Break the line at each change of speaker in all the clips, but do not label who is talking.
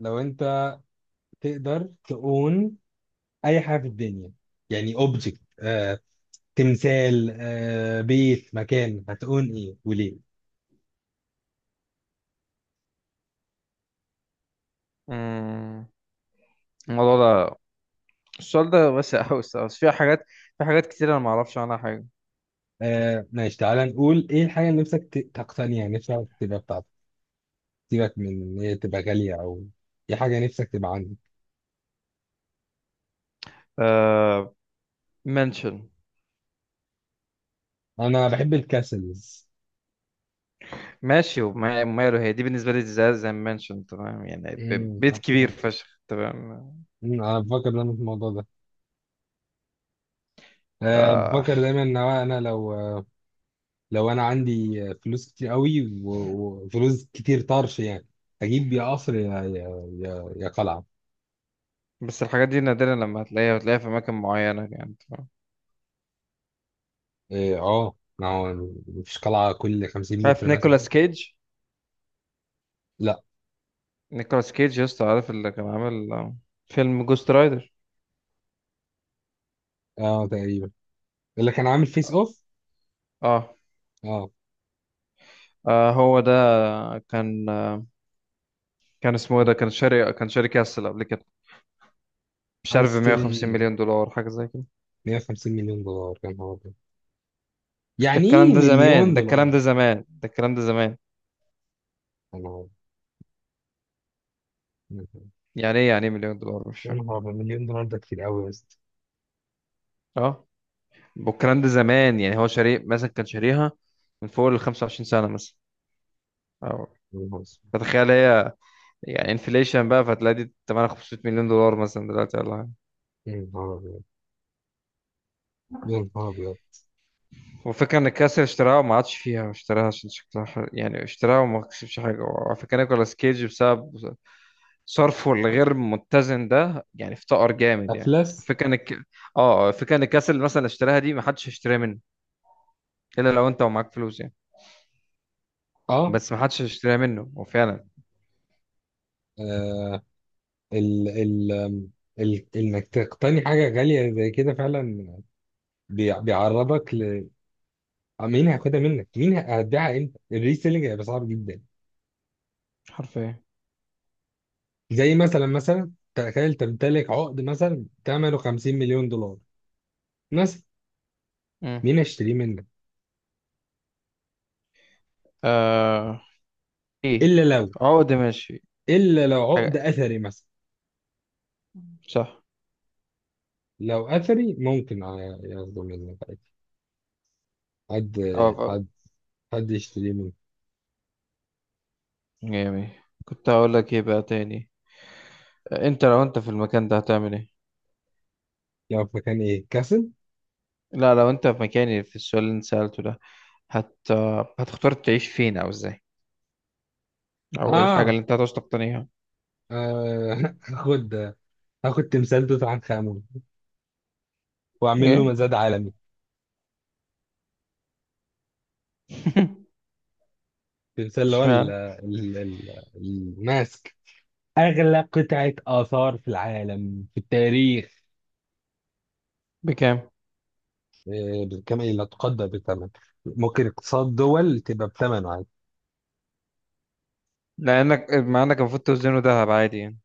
لو انت تقدر تقون اي حاجه في الدنيا يعني اوبجكت تمثال، بيت، مكان، هتقون ايه وليه؟
مم. الموضوع ده السؤال ده واسع أوي الصراحة، بس في حاجات كتير أنا ما أعرفش عنها حاجة.
ماشي، تعالى نقول ايه الحاجه اللي نفسك تقتنيها، نفسك تبقى بتاعتك. سيبك من ان هي تبقى غاليه او، ايه حاجه نفسك تبقى عندك.
آه، منشن.
انا بحب الكاسلز.
ماشي، وماله، هي دي بالنسبة لي، زي منشن تمام، يعني
مم،
بيت كبير فشخ تمام.
انا بفكر دايما في الموضوع ده.
آه
بفكر دايما ان هو انا لو انا عندي فلوس كتير قوي وفلوس كتير طرش يعني اجيب يا قصر، يا قلعه.
بس الحاجات دي نادرا لما هتلاقيها في أماكن معينة، يعني تمام.
إيه، ما هو مفيش قلعه كل 50
عارف
متر مثلا.
نيكولاس كيج؟
لا.
نيكولاس كيج يا اسطى، عارف اللي كان عامل، فيلم جوست رايدر.
اه، تقريبا. اللي كان عامل فيس اوف.
اه.
اه.
آه، هو ده. كان كان اسمه ايه ده؟ كان شاري كاسل قبل كده، مش
عايز
عارف، ب
اشتري.
150 مليون دولار، حاجة زي كده.
150 مليون دولار كان هو ده.
ده
يعني
الكلام
ايه
ده زمان،
مليون
ده الكلام
دولار؟
ده زمان، ده الكلام ده زمان.
يا نهار.
يعني ايه، يعني ايه، مليون دولار؟ مش
يا
فاهم.
نهار أبيض، مليون دولار ده كتير قوي يا اسطى.
اه، والكلام ده زمان، يعني هو شاري مثلا، كان شاريها من فوق ال 25 سنة مثلا، أو
يا نهار أسود.
فتخيل هي، يعني انفليشن بقى، فتلاقي دي 8 500 مليون دولار مثلا دلوقتي، ولا حاجة.
يا نهار أبيض. يا نهار أبيض.
والفكرة ان الكاسر اشتراها وما عادش فيها، اشتراها عشان شكلها حلو، يعني اشتراها وما كسبش حاجة. وعلى فكرة نيكولاس كيج بسبب صرفه الغير متزن ده، يعني افتقر جامد يعني.
افلس.
فكرة ان الك... اه، فكرة ان الكاس، اللي اشتراها دي، ما حدش هيشتريها منه الا لو انت ومعاك فلوس يعني.
اه
بس ما حدش هيشتريها منه هو فعلا،
آه. ال ال ال انك تقتني حاجة غالية زي كده فعلا بيعرضك ل، مين هياخدها منك؟ مين هتبيعها امتى؟ الريسيلينج هيبقى صعب جدا.
حرفيا.
زي مثلا، تخيل تمتلك عقد مثلا ثمنه 50 مليون دولار مثلا.
مم.
مين هيشتريه منك؟
آه، ايه،
الا لو،
عقد ماشي.
الا لو عقد
حاجة،
اثري مثلا.
صح.
لو اثري ممكن ياخده منك عادي. حد
اه،
حد حد يشتريه منك.
جميل. كنت هقول لك ايه بقى تاني؟ انت لو انت في المكان ده هتعمل ايه؟
لو في مكان ايه؟ كاسل؟
لا، لو انت في مكاني، في السؤال اللي انت سألته ده، هت آه، هتختار تعيش فين او ازاي، او ايه الحاجة
اه.
اللي انت هتعوز تقتنيها؟
آه. هاخد هاخد تمثال توت عنخ امون واعمل له
ايه؟
مزاد عالمي. تمثال اللي هو
اشمعنى؟
الماسك، اغلى قطعه اثار في العالم في التاريخ.
بكام؟
بكم؟ لا تقدر بثمن، ممكن اقتصاد دول تبقى بثمنه عادي.
لأنك مع إنك المفروض توزنه دهب عادي يعني.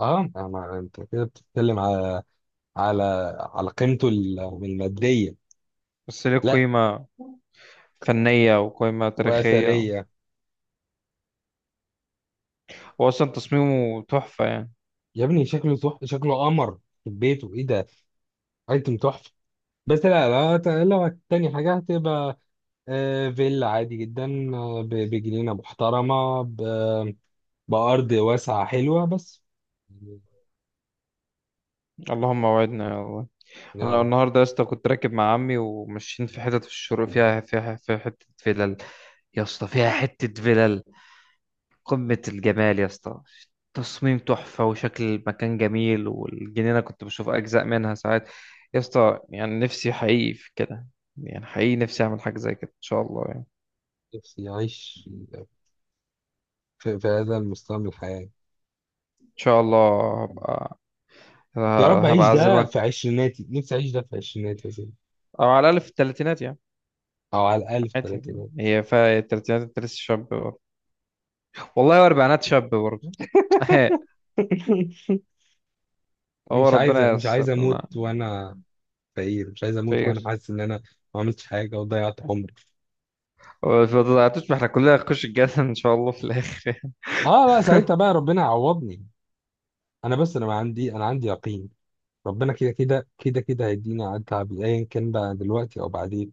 اه، ما انت كده بتتكلم على، على على قيمته الماديه.
بس ليه
لا،
قيمة فنية وقيمة تاريخية،
واثريه.
وأصلا تصميمه تحفة يعني.
يا ابني شكله تحفه، شكله قمر في بيته، ايه ده؟ ايتم تحفه. بس لا لا، لو التاني حاجه هتبقى فيلا عادي جدا، بجنينة محترمة، بأرض واسعة حلوة، بس يعني.
اللهم وعدنا يا الله.
يا
أنا
رب
النهاردة يا اسطى كنت راكب مع عمي وماشيين في حتت في الشروق، فيها، فيها في حتة فلل يا اسطى، فيها حتة فلل قمة الجمال يا اسطى، تصميم تحفة وشكل المكان جميل، والجنينة كنت بشوف أجزاء منها ساعات يا اسطى، يعني نفسي حقيقي في كده، يعني حقيقي نفسي أعمل حاجة زي كده إن شاء الله يعني.
نفسي أعيش في هذا المستوى من الحياة.
ان شاء الله هبقى،
يا
ه-
رب
هبقى
أعيش ده
اعزمك.
في عشريناتي، نفسي أعيش ده في عشريناتي يا سيدي،
او على الاقل في الثلاثينات يعني.
أو على الأقل في
عادي،
تلاتيناتي.
هي في الثلاثينات انت لسه شاب برضه، والله واربعينات شاب برضه. هو ربنا
مش عايز
ييسر لنا.
أموت وأنا فقير، مش عايز أموت
خير.
وأنا حاسس إن أنا ما عملتش حاجة وضيعت عمري.
ما تضيعتوش، ما احنا كلنا هنخش الجنه ان شاء الله في الاخر.
آه لا، ساعتها بقى ربنا يعوضني. أنا بس أنا ما عندي، أنا عندي يقين ربنا كده كده كده كده هيدينا على التعب، ايا كان بقى دلوقتي او بعدين،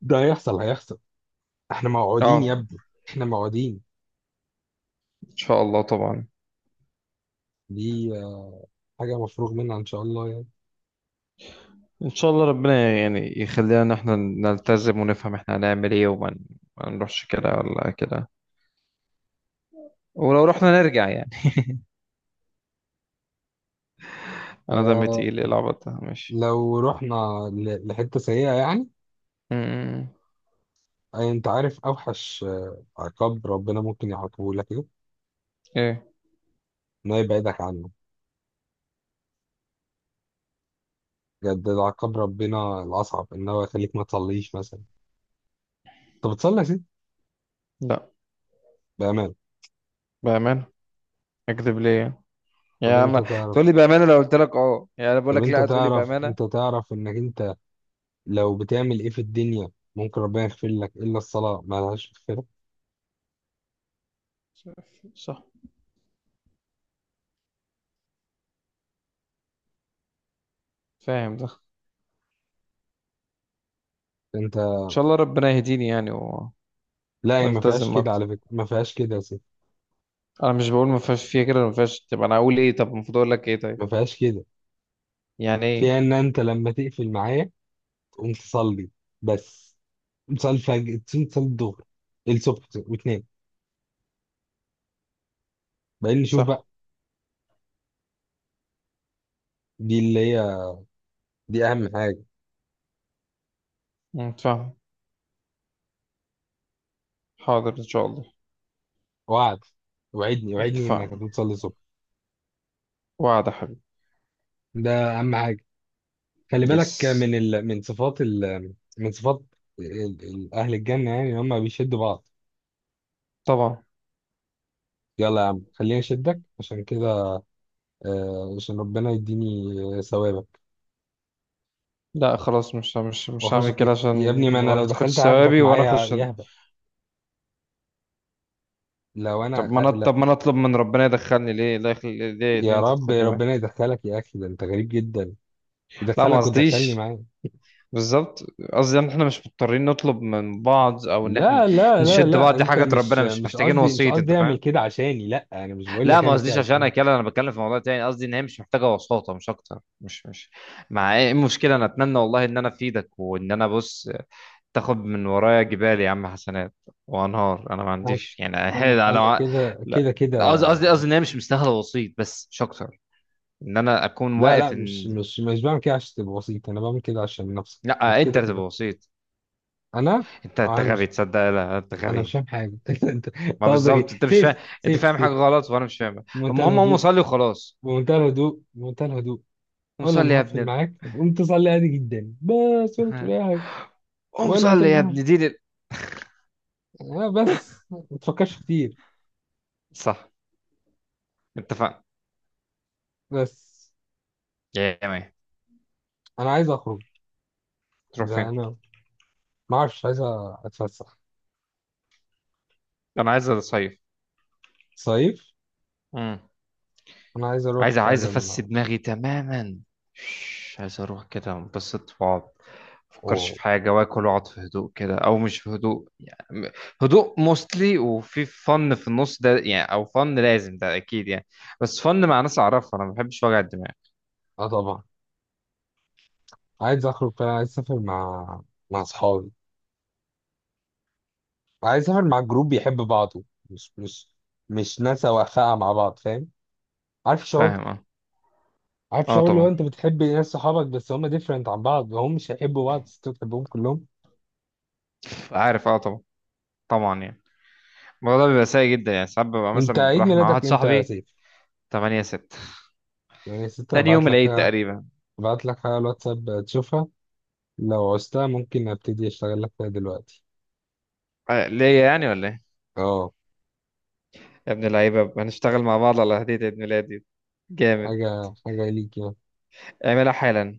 ده هيحصل هيحصل. احنا موعودين
اه،
يا ابني، احنا موعودين.
ان شاء الله طبعا.
دي حاجه مفروغ منها ان شاء الله يعني.
ان شاء الله ربنا يعني يخلينا ان احنا نلتزم ونفهم احنا هنعمل ايه، ما نروحش كده ولا كده، ولو رحنا نرجع يعني. انا دمي
آه
تقيل، ايه العبط ده، ماشي.
لو رحنا لحته سيئه يعني.
م- م-
انت عارف اوحش عقاب ربنا ممكن يعاقبه لك ايه؟
ايه،
انه يبعدك عنه. بجد ده عقاب ربنا الاصعب، ان هو يخليك ما تصليش مثلا. طب بتصلي يا سيدي؟
لا،
بامان.
بأمانة، أكذب ليه يعني؟
طب
يعني
انت
أنا، تقول
تعرف،
لي بأمانة؟ لو قلت لك أه، يعني أنا بقول
طب
لك لأ، تقول لي بأمانة.
انت تعرف انك انت لو بتعمل ايه في الدنيا ممكن ربنا يغفر لك، الا الصلاه ما لهاش مغفره.
صح، فاهم ده.
انت.
إن شاء الله ربنا يهديني يعني،
لا هي ما فيهاش
والتزم
كده
أكتر.
على فكره، ما فيهاش كده يا سيدي.
أنا مش بقول ما فيهاش، فيها كده، ما فيهاش، طب أنا أقول إيه؟ طب المفروض أقول لك إيه؟ طيب،
ما فيهاش كده.
يعني
فيها
إيه؟
ان انت لما تقفل معايا تقوم تصلي، بس. تقوم تصلي الفجر، تصلي الظهر، الصبح، وتنام، بعدين نشوف
صح.
بقى. دي اللي هي، دي اهم حاجه.
فاهم، حاضر، إن شاء الله.
وعد. وعدني وعدني انك
اتفقنا،
هتقوم تصلي الصبح.
وعد يا حبيبي.
ده اهم حاجه. خلي
يس،
بالك من صفات اهل الجنه، يعني هم بيشدوا بعض.
طبعا.
يلا يا عم خليني اشدك عشان كده، عشان ربنا يديني ثوابك.
لا، خلاص، مش
واخش
هعمل كده عشان
يا ابني، ما انا
ما
لو دخلت
تاخدش
هاخدك
ثوابي وانا
معايا
اخش.
يهبه. لو انا
طب ما انا
لا.
طب ما انا اطلب من ربنا يدخلني، ليه لا، يخلي ليه ليه
يا
انت
رب
تاخدني معاك؟
ربنا يدخلك يا اخي، ده انت غريب جدا.
لا، ما
يدخلك وتدخلني
قصديش،
معاه.
بالظبط، قصدي ان احنا مش مضطرين نطلب من بعض، او ان احنا
لا لا لا
نشد بعض،
لا،
دي
انت
حاجه
مش
ربنا مش
مش
محتاجين
قصدي، مش
وسيط، انت
قصدي اعمل
فاهم.
كده عشاني، لا انا مش بقول
لا،
لك
ما
اعمل كده
قصديش عشان انا
عشاني.
كده، انا بتكلم في موضوع تاني، قصدي ان هي مش محتاجه وساطه، مش اكتر، مش مش مع ايه المشكله؟ انا اتمنى والله ان انا افيدك وان انا بص، تاخد من ورايا جبال يا عم حسنات، وانهار انا ما
انا
عنديش يعني،
انا
انا
أنا
انا-.
كده كده
لا،
كده.
لا، قصدي ان هي مش مستاهله وسيط بس مش اكتر، ان انا اكون
لا لا،
واقف ان،
مش بعمل كده عشان تبقى بسيط، انا بعمل كده عشان نفسك انت
لا، انت
كده
اللي تبقى
كده.
وسيط.
انا
انت
انا
غبي،
مش
تصدق لا، انت
انا مش
غبي.
فاهم حاجه. أنت،
ما
قصدك ايه
بالظبط انت مش فاهم،
سيف
انت
سيف
فاهم حاجه
سيف؟
غلط وانا مش فاهم.
بمنتهى
المهم، هم
الهدوء،
صلي وخلاص.
بمنتهى الهدوء، بمنتهى الهدوء.
قوم
اول
صلي
لما
يا ابن
هقفل
ال...
معاك هتقوم تزعل لي عادي جدا، بس ولا تقول اي حاجه
قوم
ولا
صلي يا
هتمنعها.
ابن دين ال...
بس ما تفكرش كتير.
صح، اتفقنا.
بس
يا جماعه،
انا عايز اخرج،
تروح
زي
فين؟
انا ما اعرفش، عايز اتفسح،
انا عايز اصيف.
صيف.
مم.
انا عايز اروح
عايز
فعلا.
افسي دماغي تماما، مش عايز اروح كده انبسط واقعد، مفكرش
و...
في حاجة، واكل واقعد في هدوء كده، او مش في هدوء يعني، هدوء موستلي، وفي فن في النص ده يعني، او فن لازم ده اكيد يعني، بس فن مع ناس اعرفها، انا ما بحبش وجع الدماغ.
اه طبعا. عايز اخرج فعلا، عايز اسافر مع، اصحابي. عايز اسافر مع جروب بيحب بعضه، مش مش مش ناس واقفه مع بعض، فاهم؟ عارف الشعور
فاهم،
ده؟
اه.
عارف
اه
شعور لو
طبعا،
انت بتحب ناس صحابك بس هم ديفرنت عن بعض، وهم مش هيحبوا بعض، بس انت بتحبهم كلهم.
عارف، اه طبعا، طبعا يعني. الموضوع ده بيبقى سيء جدا يعني ساعات، ببقى
انت
مثلا
عيد
راح مع واحد
ميلادك امتى يا
صاحبي.
سيف؟
8 6،
يعني يا ستة
تاني
ابعت
يوم
لك،
العيد تقريبا.
ابعت لك حاجه على الواتساب تشوفها، لو عوزتها ممكن ابتدي اشتغل لك فيها دلوقتي.
آه، ليا يعني ولا ايه؟
اه،
يا ابن اللعيبة، هنشتغل مع بعض على هدية عيد ميلادي؟ جامد.
حاجه ليك يعني.
اعملها حالا.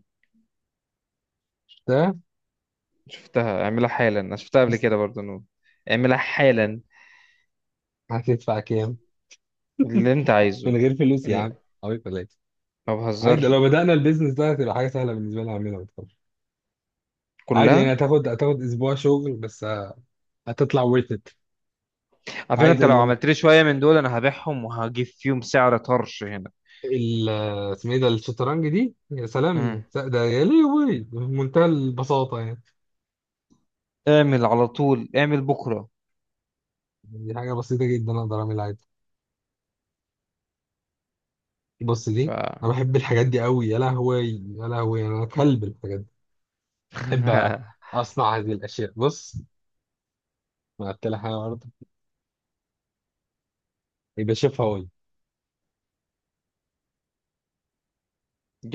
ده.
شفتها، اعملها حالا، انا شفتها قبل كده برضه نور، اعملها حالا.
هتدفع كام؟
اللي انت
من
عايزه.
غير فلوس يا عم.
ال-
حوالي 3.
ما
عادي
بهزرش،
لو بدأنا البيزنس ده هتبقى حاجة سهلة بالنسبة لي أعملها، ما تخافش. عادي، يعني
كلها.
هتاخد أسبوع شغل بس، هتطلع worth it.
على فكرة
عايز
انت لو عملت لي شوية من دول انا هبيعهم وهجيب فيهم سعر طرش هنا.
ال- اسمه ايه ده؟ الشطرنج دي، يا
امم
سلام، ده يا ليه وي، بمنتهى البساطة يعني.
اعمل على طول، اعمل بكرة.
دي حاجة بسيطة جدا، أقدر أعملها عادي. بص
ف
دي. أنا بحب الحاجات دي أوي يا لهوي. يا لهوي أنا كلب الحاجات دي. بحب أصنع هذه الأشياء. بص، ما قلت لك أنا برضه، يبقى شوفها.
جت